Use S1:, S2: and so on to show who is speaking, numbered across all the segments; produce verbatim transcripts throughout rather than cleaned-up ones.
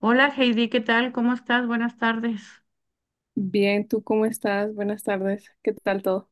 S1: Hola Heidi, ¿qué tal? ¿Cómo estás? Buenas tardes.
S2: Bien, ¿tú cómo estás? Buenas tardes. ¿Qué tal todo?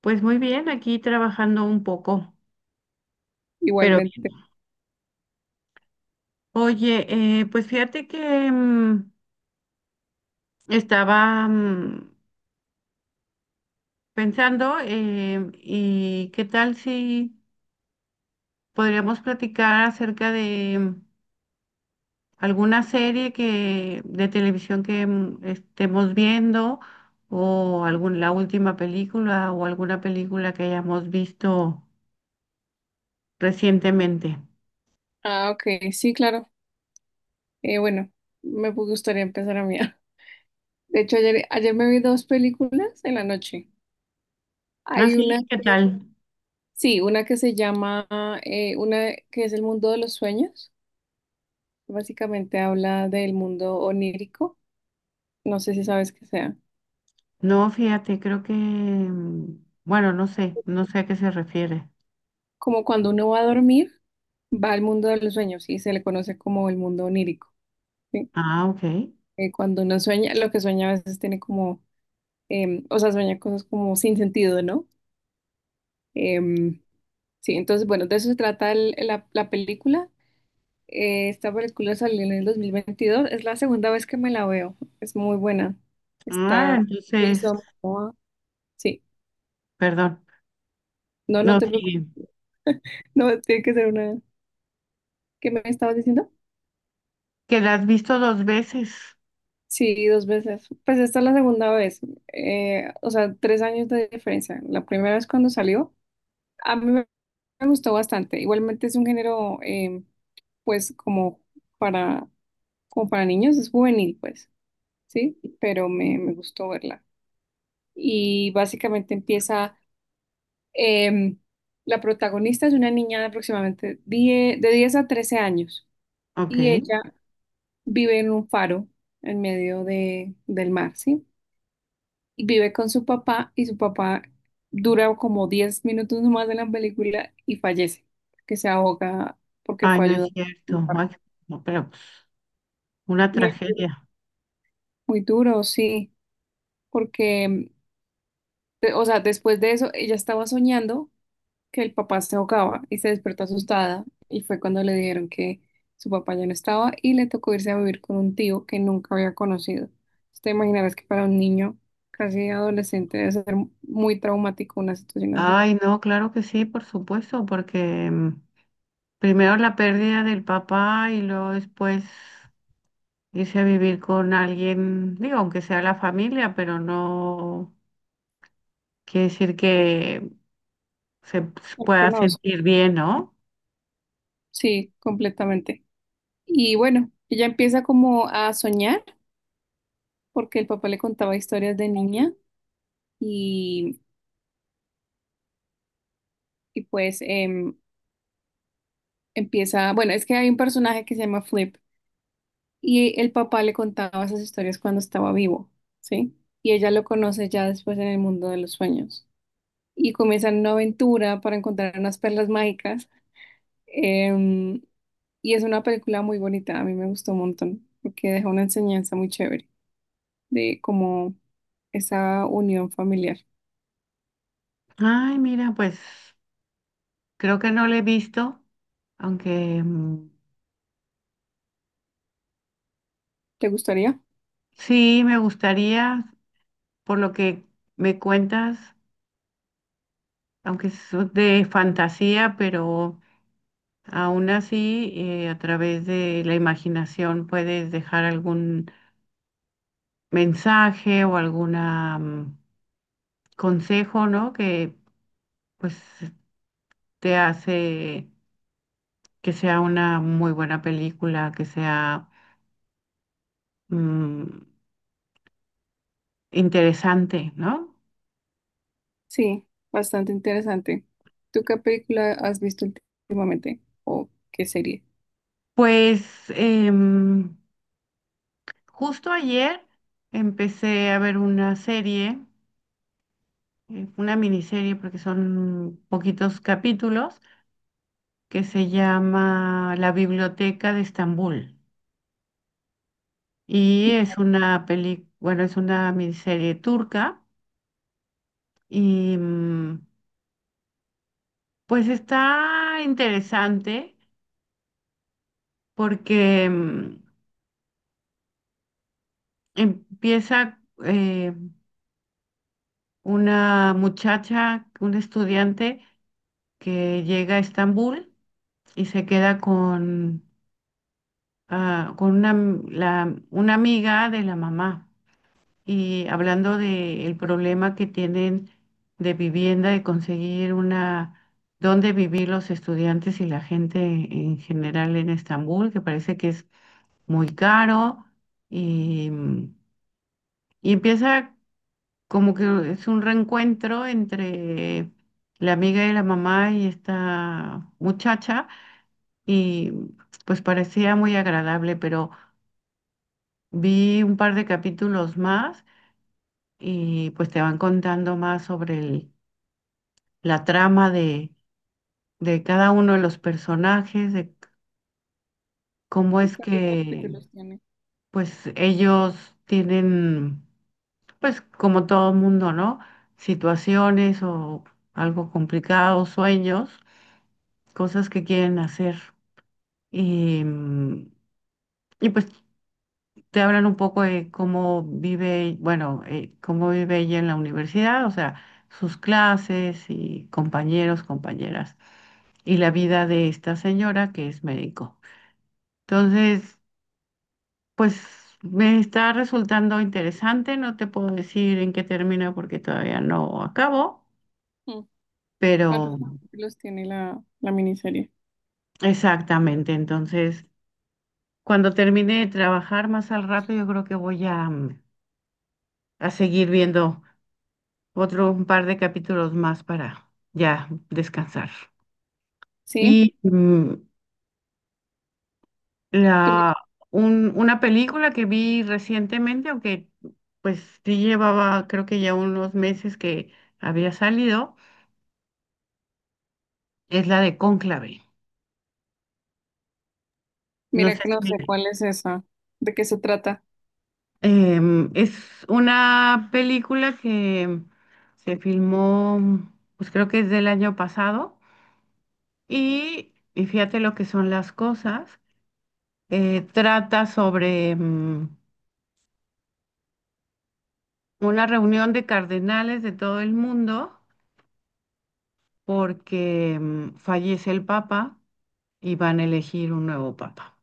S1: Pues muy bien, aquí trabajando un poco, pero bien.
S2: Igualmente.
S1: Oye, eh, pues fíjate que mm, estaba mm, pensando, eh, y qué tal si podríamos platicar acerca de mm, alguna serie que de televisión que mm, estemos viendo o algún, la última película o alguna película que hayamos visto recientemente.
S2: Ah, ok, sí, claro. Eh, bueno, me gustaría empezar a mí. De hecho, ayer, ayer me vi dos películas en la noche. Hay una
S1: Así, ¿qué
S2: que,
S1: tal?
S2: sí, una que se llama, eh, una que es El mundo de los sueños. Básicamente habla del mundo onírico. No sé si sabes qué sea.
S1: No, fíjate, creo que, mm, bueno, no sé, no sé a qué se refiere.
S2: Como cuando uno va a dormir, va al mundo de los sueños y se le conoce como el mundo onírico. ¿Sí?
S1: Ah, ok.
S2: Eh, cuando uno sueña, lo que sueña a veces tiene como em, o sea, sueña cosas como sin sentido, ¿no? Em, sí, entonces, bueno, de eso se trata el- la, la película. Eh, esta película salió en el dos mil veintidós. Es la segunda vez que me la veo, es muy buena.
S1: Ah,
S2: Está
S1: entonces,
S2: Jason Momoa. Sí,
S1: perdón.
S2: no, no
S1: No,
S2: te preocupes,
S1: sí,
S2: no, tiene que ser una. ¿Qué me estabas diciendo?
S1: que la has visto dos veces.
S2: Sí, dos veces. Pues esta es la segunda vez, eh, o sea, tres años de diferencia. La primera vez cuando salió, a mí me gustó bastante. Igualmente es un género, em, pues, como para, como para niños, es juvenil, pues, ¿sí? Pero me, me gustó verla. Y básicamente empieza, em, la protagonista es una niña de aproximadamente diez de diez a trece años
S1: Ok.
S2: y ella vive en un faro en medio de, del mar, ¿sí? Y vive con su papá y su papá dura como diez minutos más de la película y fallece, que se ahoga porque
S1: Ay,
S2: fue
S1: no es
S2: ayudado por un
S1: cierto. Ay,
S2: barco.
S1: no, pero pues, una
S2: Muy,
S1: tragedia.
S2: muy duro, sí, porque, de- o sea, después de eso, ella estaba soñando que el papá se ahogaba y se despertó asustada y fue cuando le dijeron que su papá ya no estaba y le tocó irse a vivir con un tío que nunca había conocido. Entonces, te imaginarás que para un niño casi adolescente debe ser muy traumático una situación así.
S1: Ay, no, claro que sí, por supuesto, porque mm, primero la pérdida del papá y luego después irse a vivir con alguien, digo, aunque sea la familia, pero no quiere decir que se
S2: No lo
S1: pueda
S2: conozco,
S1: sentir bien, ¿no?
S2: sí, completamente. Y bueno, ella empieza como a soñar porque el papá le contaba historias de niña y, y pues em, empieza, bueno, es que hay un personaje que se llama Flip y el papá le contaba esas historias cuando estaba vivo, ¿sí? Y ella lo conoce ya después en el mundo de los sueños y comienzan una aventura para encontrar unas perlas mágicas, em, y es una película muy bonita, a mí me gustó un montón porque deja una enseñanza muy chévere de cómo esa unión familiar.
S1: Ay, mira, pues creo que no lo he visto, aunque, mm,
S2: ¿Te gustaría?
S1: sí me gustaría, por lo que me cuentas, aunque es de fantasía, pero aún así, eh, a través de la imaginación puedes dejar algún mensaje o algún consejo, ¿no? Que pues te hace que sea una muy buena película, que sea... mm, interesante, ¿no?
S2: Sí, bastante interesante. ¿Tú qué película has visto últimamente o qué serie?
S1: Pues, em, justo ayer empecé a ver una serie, eh, una miniserie, porque son poquitos capítulos, que se llama La Biblioteca de Estambul. Y es una peli, bueno, es una miniserie turca y, mm, pues está interesante porque, mm, empieza, eh, una muchacha, un estudiante que llega a Estambul y se queda con, ah, con una, am- la- una amiga de la mamá. Y hablando del problema que tienen de vivienda, de conseguir una, dónde vivir los estudiantes y la gente en general en Estambul, que parece que es muy caro. Y, y empieza como que es un reencuentro entre la amiga de la mamá y esta muchacha y pues parecía muy agradable, pero vi un par de capítulos más y pues te van contando más sobre el- la trama de, de cada uno de los personajes, de cómo
S2: ¿Y
S1: es
S2: cuántos
S1: que
S2: capítulos tiene?
S1: pues ellos tienen, pues como todo mundo, ¿no? Situaciones o algo complicado, sueños, cosas que quieren hacer. Y, mm, y pues te hablan un poco de cómo vive, bueno, eh, cómo vive ella en la universidad, o sea, sus clases y compañeros, compañeras, y la vida de esta señora que es médico. Entonces, pues me está resultando interesante, no te puedo decir en qué termina porque todavía no acabo,
S2: Mm, ¿Cuántos
S1: pero
S2: capítulos tiene la, la miniserie?
S1: exactamente, entonces, cuando termine de trabajar más al rato, yo creo que voy a, mm, a seguir viendo. Otro Un par de capítulos más para ya descansar.
S2: Sí,
S1: Y, mm,
S2: tú-
S1: la, un- una película que vi recientemente, aunque pues sí llevaba creo que ya unos meses que había salido, es la de Cónclave. No
S2: mira
S1: sé
S2: que no
S1: si,
S2: sé cuál es esa, de qué se trata,
S1: em, es una película que se filmó, pues creo que es del año pasado, y, y fíjate lo que son las cosas. Eh, trata sobre... mm, una reunión de cardenales de todo el mundo porque, mm, fallece el papa y van a elegir un nuevo papa.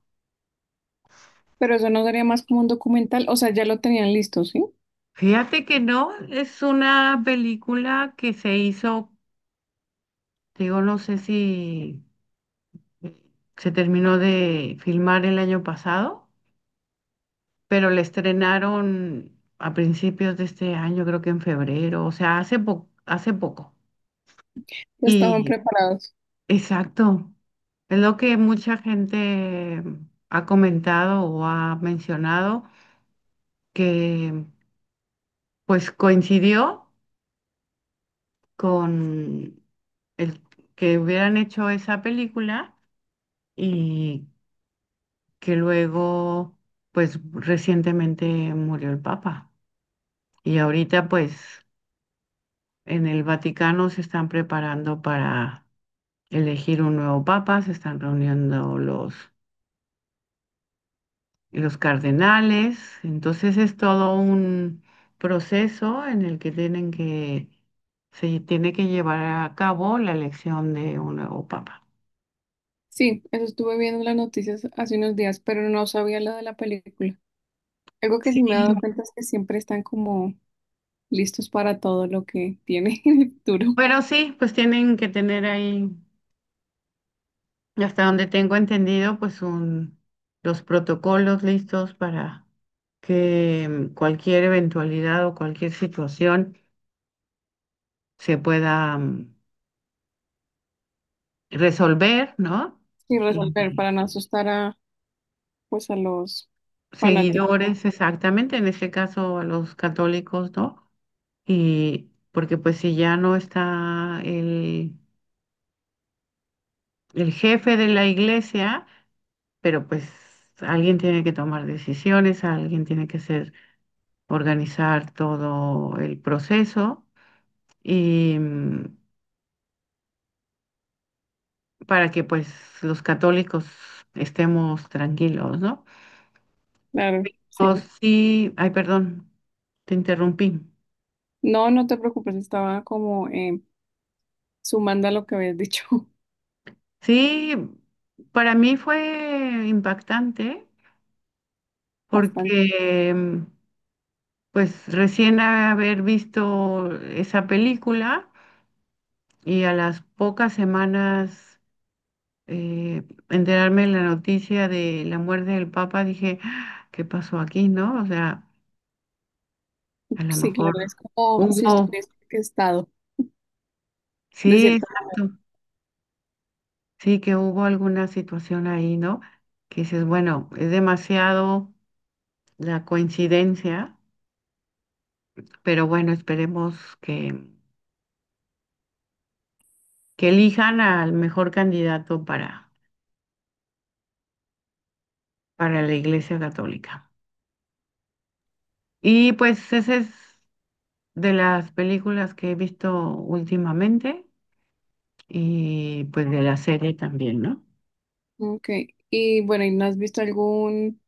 S2: pero eso no sería más como un documental, o sea, ya lo tenían listo, ¿sí?
S1: Fíjate que no, es una película que se hizo, digo, no sé si se terminó de filmar el año pasado, pero la estrenaron a principios de este año, creo que en febrero, o sea, hace po- hace poco.
S2: Ya estaban
S1: Y
S2: preparados.
S1: Exacto. Es lo que mucha gente ha comentado o ha mencionado, que pues coincidió con el que hubieran hecho esa película y que luego pues recientemente murió el Papa. Y ahorita pues en el Vaticano se están preparando para elegir un nuevo Papa, se están reuniendo los los cardenales. Entonces es todo un proceso en el que tienen que, se tiene que llevar a cabo la elección de un nuevo papa.
S2: Sí, eso estuve viendo en las noticias hace unos días, pero no sabía lo de la película. Algo que
S1: Sí,
S2: sí me he dado cuenta es que siempre están como listos para todo lo que tiene en el futuro
S1: pero sí, pues tienen que tener ahí, hasta donde tengo entendido, pues un, los protocolos listos para que, mm, cualquier eventualidad o cualquier situación se pueda, mm, resolver, ¿no?
S2: y resolver
S1: Y
S2: para no asustar a, pues, a los fanáticos.
S1: seguidores, exactamente, en este caso a los católicos, ¿no? Y porque pues si ya no está el, el jefe de la iglesia, pero pues alguien tiene que tomar decisiones, alguien tiene que ser, organizar todo el proceso y, mm, para que pues los católicos estemos tranquilos, ¿no?
S2: Claro,
S1: O
S2: sí.
S1: sí, ay, perdón, te interrumpí.
S2: No, no te preocupes, estaba como eh, sumando a lo que habías dicho.
S1: Sí, para mí fue impactante
S2: Bastante.
S1: porque, mm, pues recién haber visto esa película y a las pocas semanas, eh, enterarme de la noticia de la muerte del Papa, dije, "Ah, ¿qué pasó aquí, no?" O sea, a lo
S2: Sí, claro,
S1: mejor
S2: es como si
S1: hubo,
S2: estuvieras estado, de
S1: sí,
S2: cierto
S1: exacto, sí que hubo alguna situación ahí, ¿no? Que dices, bueno, es demasiado la coincidencia, pero bueno, esperemos que, que elijan al mejor candidato para, para la Iglesia Católica. Y pues esa es de las películas que he visto últimamente y pues de la serie también, ¿no?
S2: modo. Ok, y bueno, ¿y no has visto algún,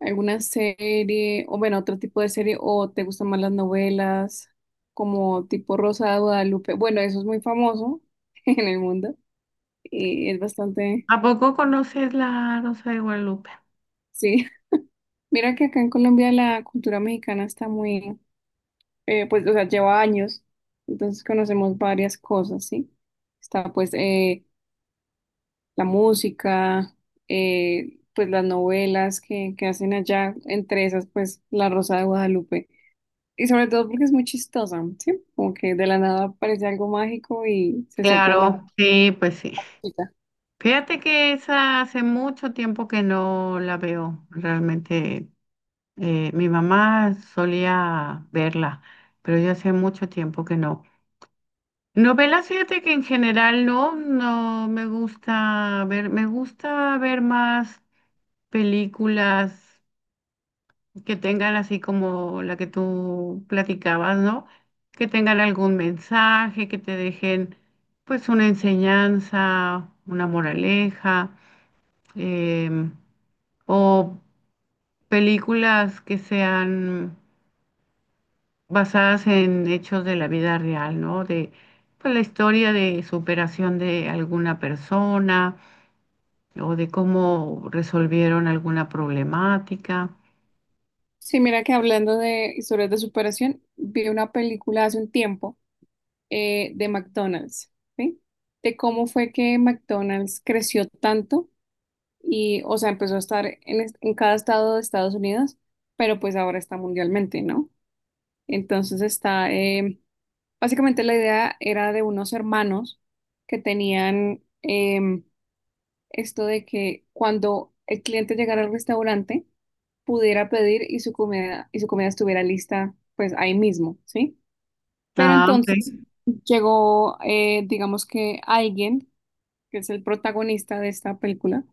S2: alguna serie, o bueno, otro tipo de serie, o te gustan más las novelas, como tipo Rosa de Guadalupe? Bueno, eso es muy famoso en el mundo y es bastante,
S1: ¿A poco conoces la Rosa de Guadalupe?
S2: sí. Mira que acá en Colombia la cultura mexicana está muy eh, pues, o sea, lleva años, entonces conocemos varias cosas, ¿sí? Está pues eh, la música, eh, pues las novelas que, que hacen allá, entre esas pues La Rosa de Guadalupe. Y sobre todo porque es muy chistosa, ¿sí? Como que de la nada aparece algo mágico y se sopla la
S1: Claro, sí, pues sí.
S2: varita.
S1: Fíjate que esa hace mucho tiempo que no la veo. Realmente, eh, mi mamá solía verla, pero yo hace mucho tiempo que no. Novelas, fíjate que en general no, no me gusta ver, me gusta ver más películas que tengan así como la que tú platicabas, ¿no? Que tengan algún mensaje, que te dejen pues una enseñanza, una moraleja, em, o películas que sean basadas en hechos de la vida real, ¿no? De pues, la historia de superación de alguna persona o de cómo resolvieron alguna problemática.
S2: Sí, mira que hablando de historias de superación, vi una película hace un tiempo, eh, de McDonald's, ¿sí? De cómo fue que McDonald's creció tanto y, o sea, empezó a estar en, est- en cada estado de Estados Unidos, pero pues ahora está mundialmente, ¿no? Entonces está, em, básicamente la idea era de unos hermanos que tenían, em, esto de que cuando el cliente llegara al restaurante pudiera pedir y su comida, y su comida estuviera lista, pues ahí mismo, ¿sí? Pero
S1: Ah,
S2: entonces
S1: ok.
S2: llegó, eh, digamos que alguien, que es el protagonista de esta película,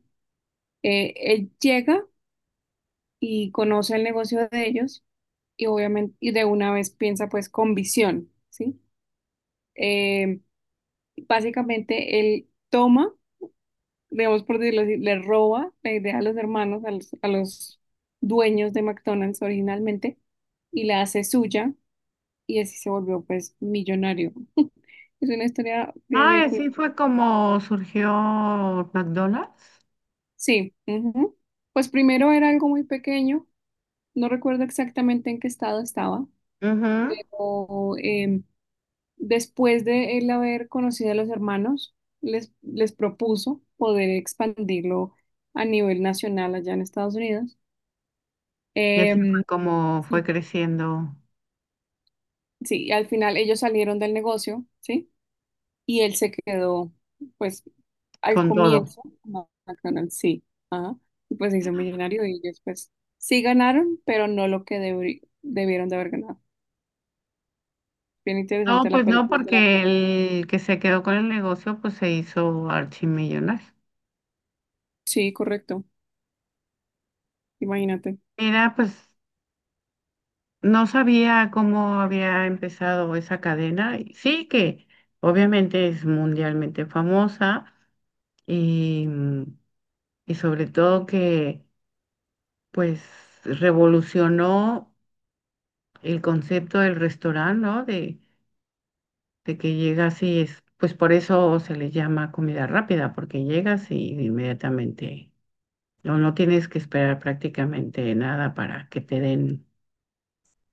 S2: eh, él llega y conoce el negocio de ellos y obviamente y de una vez piensa pues con visión, ¿sí? Eh, básicamente él toma, digamos por decirlo así, le roba la idea a los hermanos, a los, a los dueños de McDonald's originalmente y la hace suya y así se volvió pues millonario. Es una historia bien, bien
S1: Ah, así
S2: curiosa.
S1: fue como surgió McDonald's.
S2: Sí, ujú. Pues primero era algo muy pequeño, no recuerdo exactamente en qué estado estaba.
S1: Ujú.
S2: o, em, Después de él haber conocido a los hermanos, les, les propuso poder expandirlo a nivel nacional allá en Estados Unidos.
S1: Y así fue
S2: Em,
S1: como fue
S2: sí,
S1: creciendo
S2: sí, al final ellos salieron del negocio, ¿sí? Y él se quedó, pues, al
S1: con todo.
S2: comienzo, como McDonald's, sí, ajá, y pues se hizo millonario y ellos, pues, sí ganaron, pero no lo que debri- debieron de haber ganado. Bien
S1: No,
S2: interesante la
S1: pues no,
S2: película. Te la
S1: porque
S2: recomiendo.
S1: el que se quedó con el negocio, pues se hizo archimillonario.
S2: Sí, correcto, imagínate.
S1: Mira, pues no sabía cómo había empezado esa cadena. Y sí que obviamente es mundialmente famosa y, mm, y sobre todo que pues revolucionó el concepto del restaurante, ¿no? De, de que llegas y es, pues por eso se le llama comida rápida, porque llegas y inmediatamente, no, no tienes que esperar prácticamente nada para que te den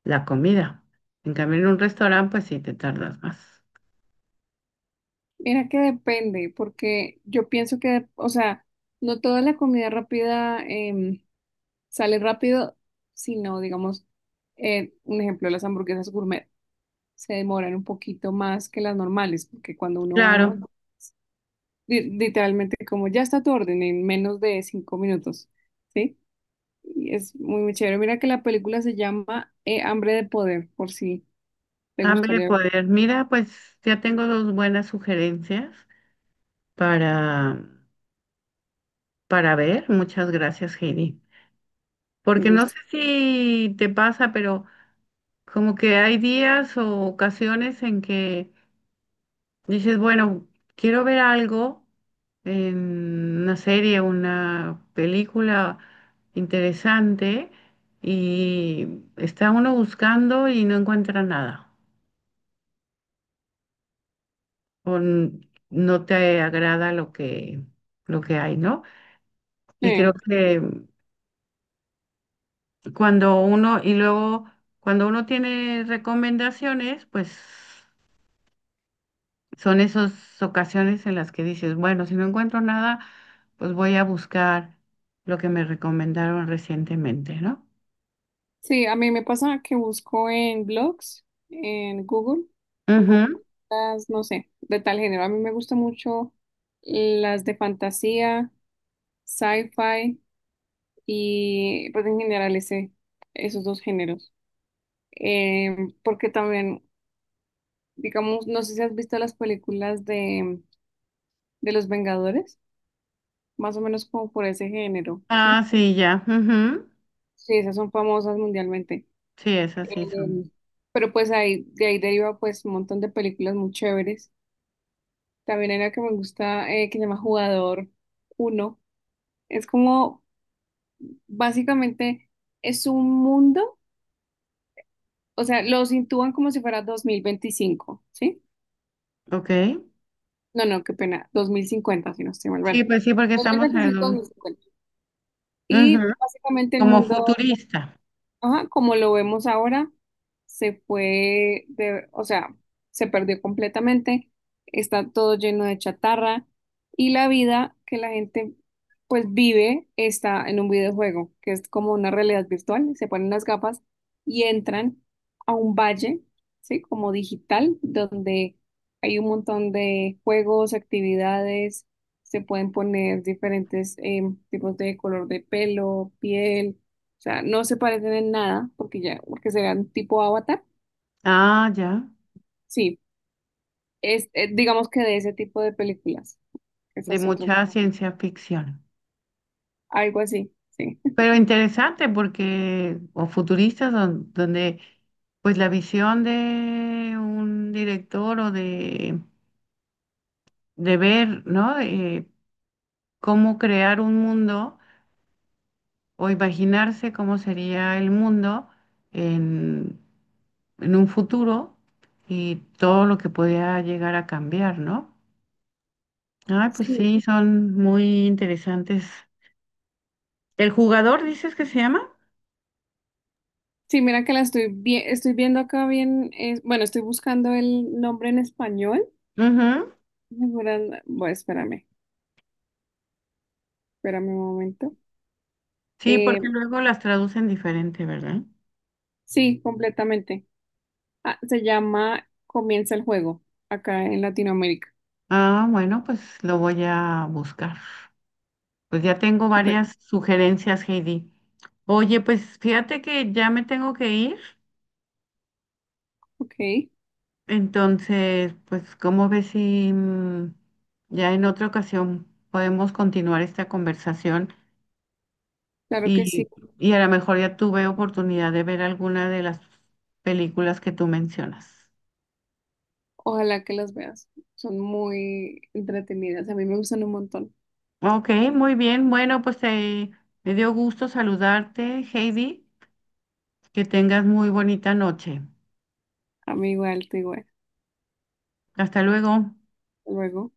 S1: la comida. En cambio, en un restaurante, pues sí te tardas más.
S2: Mira que depende, porque yo pienso que, o sea, no toda la comida rápida, em, sale rápido, sino, digamos, eh, un ejemplo, las hamburguesas gourmet se demoran un poquito más que las normales, porque cuando uno va a un
S1: Claro.
S2: Mac- li- literalmente como ya está tu orden en menos de cinco minutos, ¿sí? Y es muy, muy chévere. Mira que la película se llama, eh, Hambre de Poder, por si te
S1: Hambre de
S2: gustaría,
S1: poder. Mira, pues ya tengo dos buenas sugerencias para, para ver. Muchas gracias, Heidi.
S2: me
S1: Porque no
S2: gusta.
S1: sé si te pasa, pero como que hay días o ocasiones en que dices, bueno, quiero ver algo en una serie, una película interesante y está uno buscando y no encuentra nada. o n- no te agrada lo que, lo que hay, ¿no? Y creo que cuando uno, y luego cuando uno tiene recomendaciones, pues son esas ocasiones en las que dices, bueno, si no encuentro nada, pues voy a buscar lo que me recomendaron recientemente, ¿no?
S2: Sí, a mí me pasa que busco en blogs, en Google, pongo
S1: Ujú.
S2: podcast, no sé, de tal género. A mí me gustan mucho las de fantasía, sci-fi y pues en general ese, esos dos géneros. Em, porque también, digamos, no sé si has visto las películas de, de Los Vengadores, más o menos como por ese género, ¿sí?
S1: Ah, sí, ya. Ujú.
S2: Sí, esas son famosas mundialmente.
S1: Sí, esas sí son.
S2: Em, pero pues ahí, de ahí deriva pues un montón de películas muy chéveres. También hay una que me gusta, eh, que se llama Jugador uno. Es como, básicamente, es un mundo, o sea, los intúan como si fuera dos mil veinticinco, ¿sí?
S1: Ok.
S2: No, no, qué pena, dos mil cincuenta si no estoy mal.
S1: Sí,
S2: Bueno,
S1: pues sí, porque
S2: dos mil
S1: estamos
S2: veinticinco, dos mil
S1: en...
S2: cincuenta Y
S1: Ujú.
S2: básicamente el
S1: Como
S2: mundo,
S1: futurista.
S2: ajá, como lo vemos ahora, se fue de, o sea, se perdió completamente, está todo lleno de chatarra y la vida que la gente pues vive está en un videojuego, que es como una realidad virtual, se ponen las gafas y entran a un valle, ¿sí? Como digital, donde hay un montón de juegos, actividades, se pueden poner diferentes, em, tipos de color de pelo, piel, o sea, no se parecen en nada porque ya, porque serán tipo Avatar.
S1: Ah, ya.
S2: Sí, es, eh, digamos que de ese tipo de películas.
S1: De
S2: Esas otras,
S1: mucha ciencia ficción.
S2: algo así, sí.
S1: Pero interesante porque, o futuristas, don- donde pues la visión de un director o de, de ver, ¿no? Eh, cómo crear un mundo o imaginarse cómo sería el mundo en, en un futuro y todo lo que podía llegar a cambiar, ¿no? Ay, pues
S2: Sí,
S1: sí, son muy interesantes. ¿El jugador dices que se llama?
S2: sí, mira que la estoy vi- estoy viendo acá bien, es- bueno, estoy buscando el nombre en español.
S1: Ujú.
S2: Segura- Bueno, espérame, espérame un momento.
S1: Sí,
S2: Eh,
S1: porque luego las traducen diferente, ¿verdad?
S2: sí, completamente. Ah, se llama Comienza el juego acá en Latinoamérica.
S1: Ah, bueno, pues lo voy a buscar. Pues ya tengo
S2: Súper,
S1: varias sugerencias, Heidi. Oye, pues fíjate que ya me tengo que ir.
S2: ok,
S1: Entonces, pues, ¿cómo ves si, mm, ya en otra ocasión podemos continuar esta conversación?
S2: claro que sí.
S1: Y, y a lo mejor ya tuve oportunidad de ver alguna de las películas que tú mencionas.
S2: Ojalá que las veas. Son muy entretenidas. A mí me gustan un montón.
S1: Ok, muy bien. Bueno, pues, eh, me dio gusto saludarte, Heidi. Que tengas muy bonita noche.
S2: A mí igual, te igual.
S1: Hasta luego.
S2: Luego.